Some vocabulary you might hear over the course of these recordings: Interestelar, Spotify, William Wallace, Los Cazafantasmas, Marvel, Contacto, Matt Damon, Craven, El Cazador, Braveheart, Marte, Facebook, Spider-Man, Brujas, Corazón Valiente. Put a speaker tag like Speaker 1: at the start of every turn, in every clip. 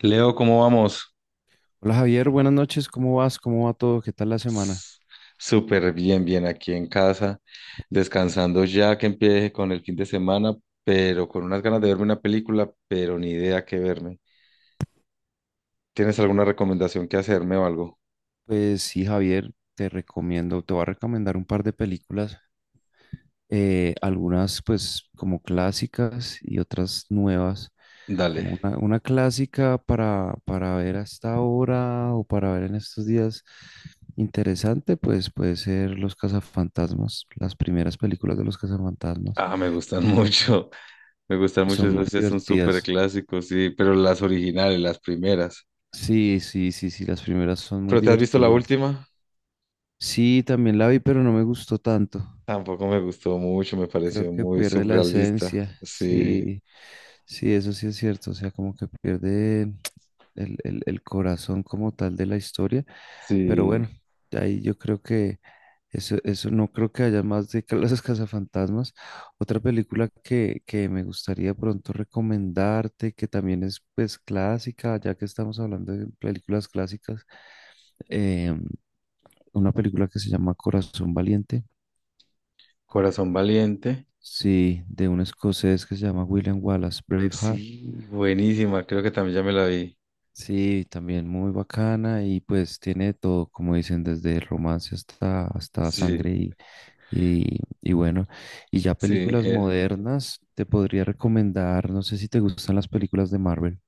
Speaker 1: Leo, ¿cómo vamos?
Speaker 2: Hola Javier, buenas noches, ¿cómo vas? ¿Cómo va todo? ¿Qué tal la semana?
Speaker 1: S- Súper bien, bien aquí en casa, descansando ya que empiece con el fin de semana, pero con unas ganas de verme una película, pero ni idea qué verme. ¿Tienes alguna recomendación que hacerme o algo?
Speaker 2: Pues sí, Javier, te voy a recomendar un par de películas, algunas pues como clásicas y otras nuevas,
Speaker 1: Dale.
Speaker 2: como una clásica para ver hasta ahora o para ver en estos días interesante, pues puede ser Los Cazafantasmas, las primeras películas de Los Cazafantasmas,
Speaker 1: Ah, me gustan mucho, me gustan mucho
Speaker 2: son muy
Speaker 1: esas, sí, son súper
Speaker 2: divertidas.
Speaker 1: clásicos, sí, pero las originales, las primeras.
Speaker 2: Sí, las primeras son muy
Speaker 1: ¿Pero te has visto la
Speaker 2: divertidas.
Speaker 1: última?
Speaker 2: Sí, también la vi, pero no me gustó tanto.
Speaker 1: Tampoco me gustó mucho, me
Speaker 2: Creo
Speaker 1: pareció
Speaker 2: que
Speaker 1: muy
Speaker 2: pierde la
Speaker 1: surrealista.
Speaker 2: esencia.
Speaker 1: Sí,
Speaker 2: Sí, sí, eso sí es cierto. O sea, como que pierde el corazón como tal de la historia. Pero
Speaker 1: sí,
Speaker 2: bueno, ahí yo creo que eso no creo que haya más de que los cazafantasmas. Otra película que me gustaría pronto recomendarte, que también es pues clásica, ya que estamos hablando de películas clásicas, eh, una película que se llama Corazón Valiente.
Speaker 1: Corazón Valiente.
Speaker 2: Sí, de un escocés que se llama William Wallace Braveheart.
Speaker 1: Sí, buenísima, creo que también ya me la vi.
Speaker 2: Sí, también muy bacana y pues tiene de todo, como dicen, desde romance hasta
Speaker 1: Sí,
Speaker 2: sangre y bueno. Y ya
Speaker 1: sí,
Speaker 2: películas
Speaker 1: eh,
Speaker 2: modernas, te podría recomendar, no sé si te gustan las películas de Marvel.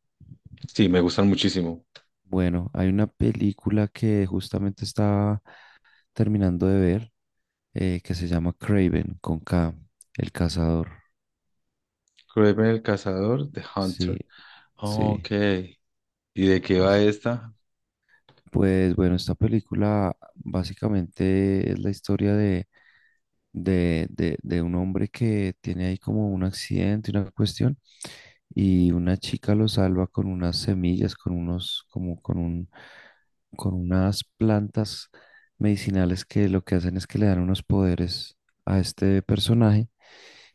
Speaker 1: sí, me gustan muchísimo.
Speaker 2: Bueno, hay una película que justamente estaba terminando de ver que se llama Craven con K, El Cazador.
Speaker 1: Kraven el cazador, The
Speaker 2: Sí,
Speaker 1: Hunter.
Speaker 2: sí.
Speaker 1: Ok, ¿y de qué va esta?
Speaker 2: Pues bueno, esta película básicamente es la historia de un hombre que tiene ahí como un accidente, una cuestión, y una chica lo salva con unas semillas, con unos, como con un, con unas plantas medicinales que lo que hacen es que le dan unos poderes a este personaje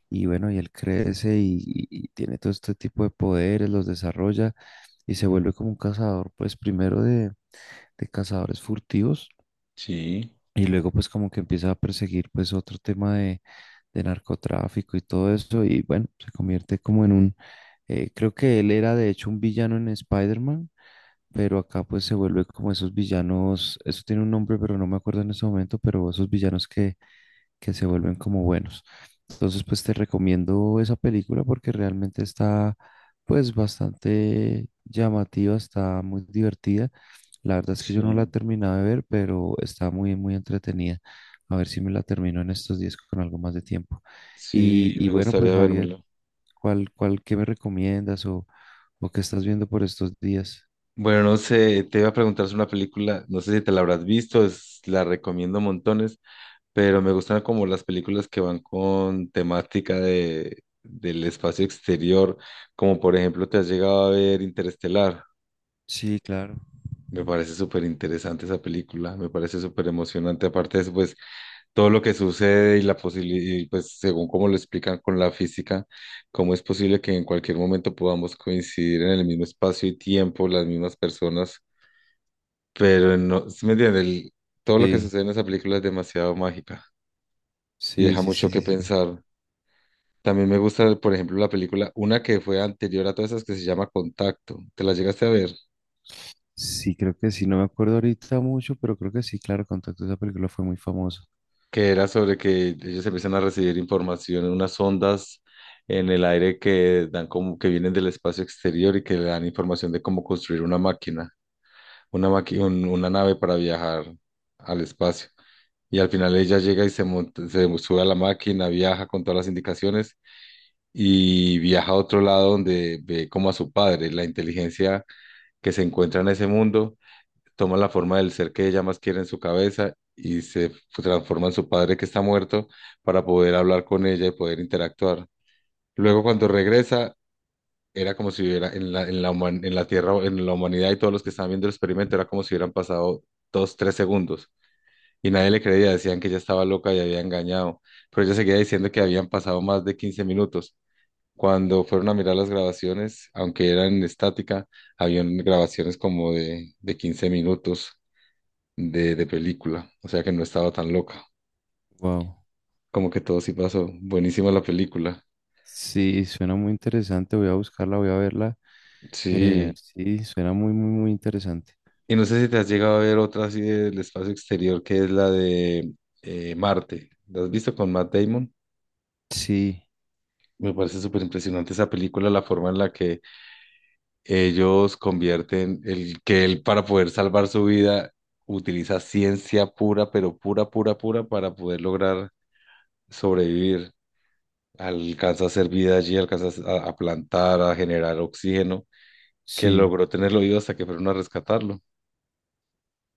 Speaker 2: y bueno, y él crece y tiene todo este tipo de poderes, los desarrolla y se vuelve como un cazador, pues primero de cazadores furtivos
Speaker 1: Sí,
Speaker 2: y luego pues como que empieza a perseguir pues otro tema de narcotráfico y todo eso y bueno, se convierte como en un, creo que él era de hecho un villano en Spider-Man, pero acá pues se vuelve como esos villanos, eso tiene un nombre pero no me acuerdo en este momento, pero esos villanos que se vuelven como buenos. Entonces, pues te recomiendo esa película porque realmente está pues bastante llamativa, está muy divertida. La verdad es que yo no la he
Speaker 1: sí,
Speaker 2: terminado de ver, pero está muy entretenida. A ver si me la termino en estos días con algo más de tiempo.
Speaker 1: sí,
Speaker 2: Y
Speaker 1: me
Speaker 2: bueno, pues
Speaker 1: gustaría vérmela.
Speaker 2: Javier, ¿qué me o qué estás viendo por estos días?
Speaker 1: Bueno, no sé, te iba a preguntar sobre una película, no sé si te la habrás visto, la recomiendo montones, pero me gustan como las películas que van con temática de, del espacio exterior, como por ejemplo, ¿te has llegado a ver Interestelar?
Speaker 2: Sí, claro.
Speaker 1: Me parece súper interesante esa película, me parece súper emocionante. Aparte de eso, pues todo lo que sucede y la posibilidad, pues según cómo lo explican con la física, cómo es posible que en cualquier momento podamos coincidir en el mismo espacio y tiempo, las mismas personas, pero no, ¿sí me entiendes? Todo lo que
Speaker 2: Sí,
Speaker 1: sucede en esa película es demasiado mágica y deja mucho que
Speaker 2: sí, sí.
Speaker 1: pensar. También me gusta, por ejemplo, la película, una que fue anterior a todas esas que se llama Contacto. ¿Te la llegaste a ver?
Speaker 2: Sí, creo que sí, no me acuerdo ahorita mucho, pero creo que sí, claro, Contacto, esa película fue muy famosa.
Speaker 1: Que era sobre que ellos empiezan a recibir información en unas ondas en el aire que dan como que vienen del espacio exterior y que le dan información de cómo construir una máquina, una nave para viajar al espacio. Y al final ella llega y se monta, se sube a la máquina, viaja con todas las indicaciones y viaja a otro lado donde ve como a su padre, la inteligencia que se encuentra en ese mundo toma la forma del ser que ella más quiere en su cabeza y se transforma en su padre que está muerto para poder hablar con ella y poder interactuar. Luego cuando regresa, era como si hubiera en la Tierra, en la humanidad y todos los que estaban viendo el experimento, era como si hubieran pasado 2, 3 segundos. Y nadie le creía, decían que ella estaba loca y había engañado. Pero ella seguía diciendo que habían pasado más de 15 minutos. Cuando fueron a mirar las grabaciones, aunque eran estática, habían grabaciones como de 15 minutos de película, o sea que no estaba tan loca,
Speaker 2: Wow.
Speaker 1: como que todo sí pasó, buenísima la película.
Speaker 2: Sí, suena muy interesante, voy a buscarla, voy a verla.
Speaker 1: Sí,
Speaker 2: Sí, suena muy interesante.
Speaker 1: y no sé si te has llegado a ver otra así del espacio exterior que es la de Marte, ¿la has visto con Matt Damon?
Speaker 2: Sí,
Speaker 1: Me parece súper impresionante esa película, la forma en la que ellos convierten el que él para poder salvar su vida utiliza ciencia pura, pero pura, pura, pura para poder lograr sobrevivir. Alcanza a hacer vida allí, alcanza a plantar, a generar oxígeno que
Speaker 2: sí,
Speaker 1: logró tenerlo vivo hasta que fueron a rescatarlo.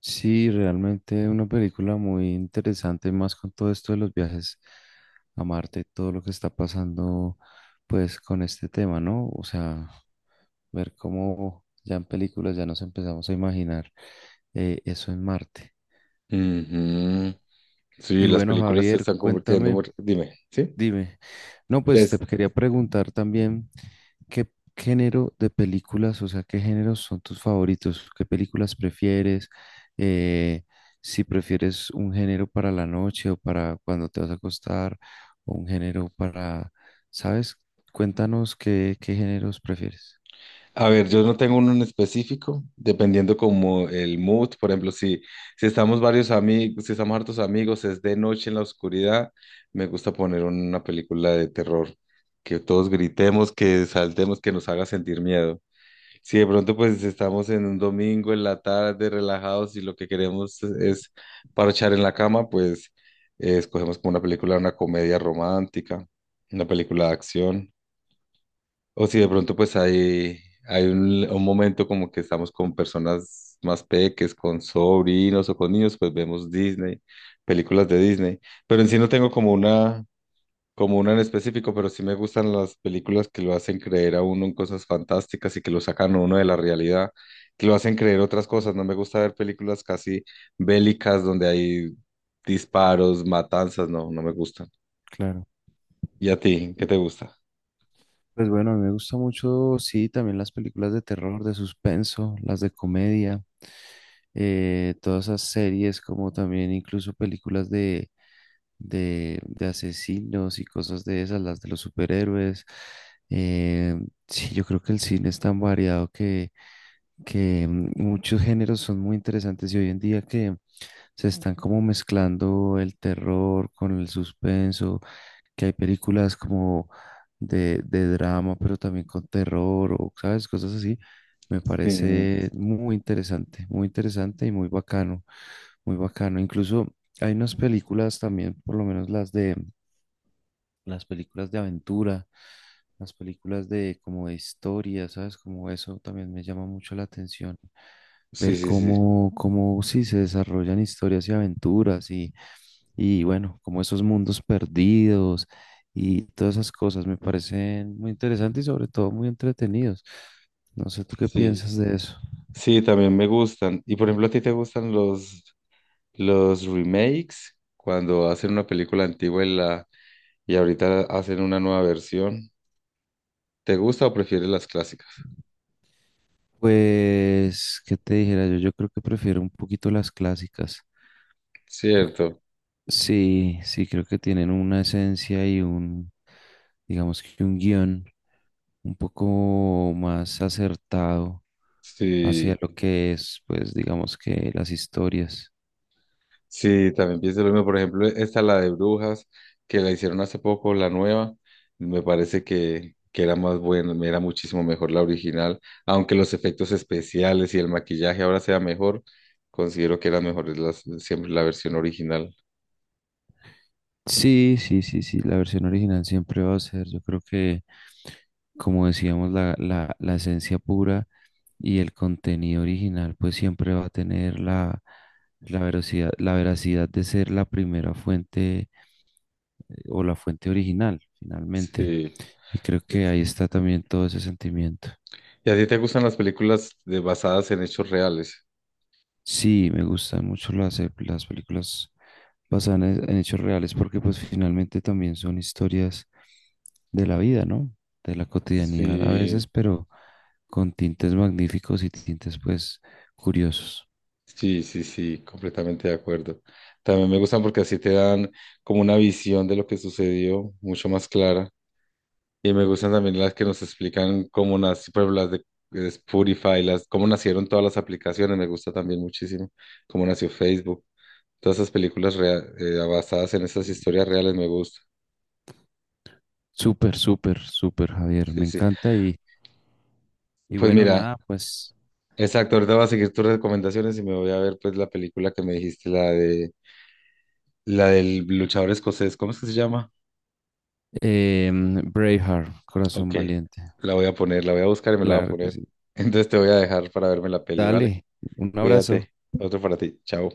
Speaker 2: sí, realmente una película muy interesante, más con todo esto de los viajes a Marte, todo lo que está pasando, pues, con este tema, ¿no? O sea, ver cómo ya en películas ya nos empezamos a imaginar eso en Marte.
Speaker 1: Ujú. Sí,
Speaker 2: Y
Speaker 1: las
Speaker 2: bueno,
Speaker 1: películas se
Speaker 2: Javier,
Speaker 1: están convirtiendo
Speaker 2: cuéntame,
Speaker 1: muy. Dime, ¿sí?
Speaker 2: dime. No, pues te
Speaker 1: Es,
Speaker 2: quería preguntar también qué género de películas, o sea, qué géneros son tus favoritos, qué películas prefieres, eh, si prefieres un género para la noche o para cuando te vas a acostar, o un género para, ¿sabes? Cuéntanos qué géneros prefieres.
Speaker 1: a ver, yo no tengo uno en específico, dependiendo como el mood. Por ejemplo, si estamos varios amigos, si estamos hartos amigos, es de noche en la oscuridad, me gusta poner una película de terror, que todos gritemos, que saltemos, que nos haga sentir miedo. Si de pronto pues estamos en un domingo en la tarde relajados y lo que queremos es parchar en la cama, pues escogemos como una película, una comedia romántica, una película de acción. O si de pronto pues hay un momento como que estamos con personas más peques, con sobrinos o con niños, pues vemos Disney, películas de Disney. Pero en sí no tengo como una, como uno en específico, pero sí me gustan las películas que lo hacen creer a uno en cosas fantásticas y que lo sacan a uno de la realidad, que lo hacen creer otras cosas. No me gusta ver películas casi bélicas donde hay disparos, matanzas, no, no me gustan.
Speaker 2: Claro.
Speaker 1: ¿Y a ti? ¿Qué te gusta?
Speaker 2: Pues bueno, a mí me gusta mucho, sí, también las películas de terror, de suspenso, las de comedia, todas esas series, como también incluso películas de asesinos y cosas de esas, las de los superhéroes. Eh, sí, yo creo que el cine es tan variado que muchos géneros son muy interesantes y hoy en día que se están como mezclando el terror con el suspenso, que hay películas como de drama, pero también con terror o, ¿sabes? Cosas así. Me
Speaker 1: Sí,
Speaker 2: parece muy interesante y muy bacano, muy bacano. Incluso hay unas películas también, por lo menos las películas de aventura, las películas de como de historia, ¿sabes? Como eso también me llama mucho la atención.
Speaker 1: sí,
Speaker 2: Ver
Speaker 1: sí, sí,
Speaker 2: cómo, cómo sí se desarrollan historias y aventuras y bueno, como esos mundos perdidos y todas esas cosas me parecen muy interesantes y sobre todo muy entretenidos. No sé, ¿tú qué
Speaker 1: sí.
Speaker 2: piensas de eso?
Speaker 1: Sí, también me gustan. Y por ejemplo, ¿a ti te gustan los remakes? Cuando hacen una película antigua y, la, y ahorita hacen una nueva versión. ¿Te gusta o prefieres las clásicas?
Speaker 2: Pues, ¿qué te dijera yo? Yo creo que prefiero un poquito las clásicas.
Speaker 1: Cierto.
Speaker 2: Sí, sí, creo que tienen una esencia y un, digamos que un guión un poco más acertado hacia
Speaker 1: Sí,
Speaker 2: lo que es, pues digamos que las historias.
Speaker 1: sí, también pienso lo mismo. Por ejemplo, esta la de Brujas, que la hicieron hace poco, la nueva, me parece que era más buena, era muchísimo mejor la original. Aunque los efectos especiales y el maquillaje ahora sea mejor, considero que era mejor las, siempre la versión original.
Speaker 2: Sí, sí, la versión original siempre va a ser, yo creo que, como decíamos, la esencia pura y el contenido original, pues siempre va a tener la veracidad de ser la primera fuente o la fuente original, finalmente.
Speaker 1: Sí.
Speaker 2: Y creo que ahí está también todo ese sentimiento.
Speaker 1: ¿Y a ti te gustan las películas de, basadas en hechos reales?
Speaker 2: Sí, me gustan mucho las películas basadas en hechos reales porque pues finalmente también son historias de la vida, ¿no? De la cotidianidad a veces,
Speaker 1: Sí.
Speaker 2: pero con tintes magníficos y tintes pues curiosos.
Speaker 1: Sí, sí, sí, completamente de acuerdo. También me gustan porque así te dan como una visión de lo que sucedió mucho más clara. Y me gustan también las que nos explican cómo nació, por ejemplo, las de Spotify, las, cómo nacieron todas las aplicaciones. Me gusta también muchísimo cómo nació Facebook. Todas esas películas basadas en esas historias reales me gusta.
Speaker 2: Súper, súper, súper, Javier, me
Speaker 1: Sí, sí.
Speaker 2: encanta y
Speaker 1: Pues
Speaker 2: bueno,
Speaker 1: mira,
Speaker 2: nada, pues
Speaker 1: exacto, ahorita voy a seguir tus recomendaciones y me voy a ver pues la película que me dijiste, la del luchador escocés. ¿Cómo es que se llama?
Speaker 2: Braveheart, corazón
Speaker 1: Ok,
Speaker 2: valiente.
Speaker 1: la voy a poner, la voy a buscar y me la voy a
Speaker 2: Claro que
Speaker 1: poner.
Speaker 2: sí.
Speaker 1: Entonces te voy a dejar para verme la peli, ¿vale?
Speaker 2: Dale, un abrazo.
Speaker 1: Cuídate. Otro para ti. Chao.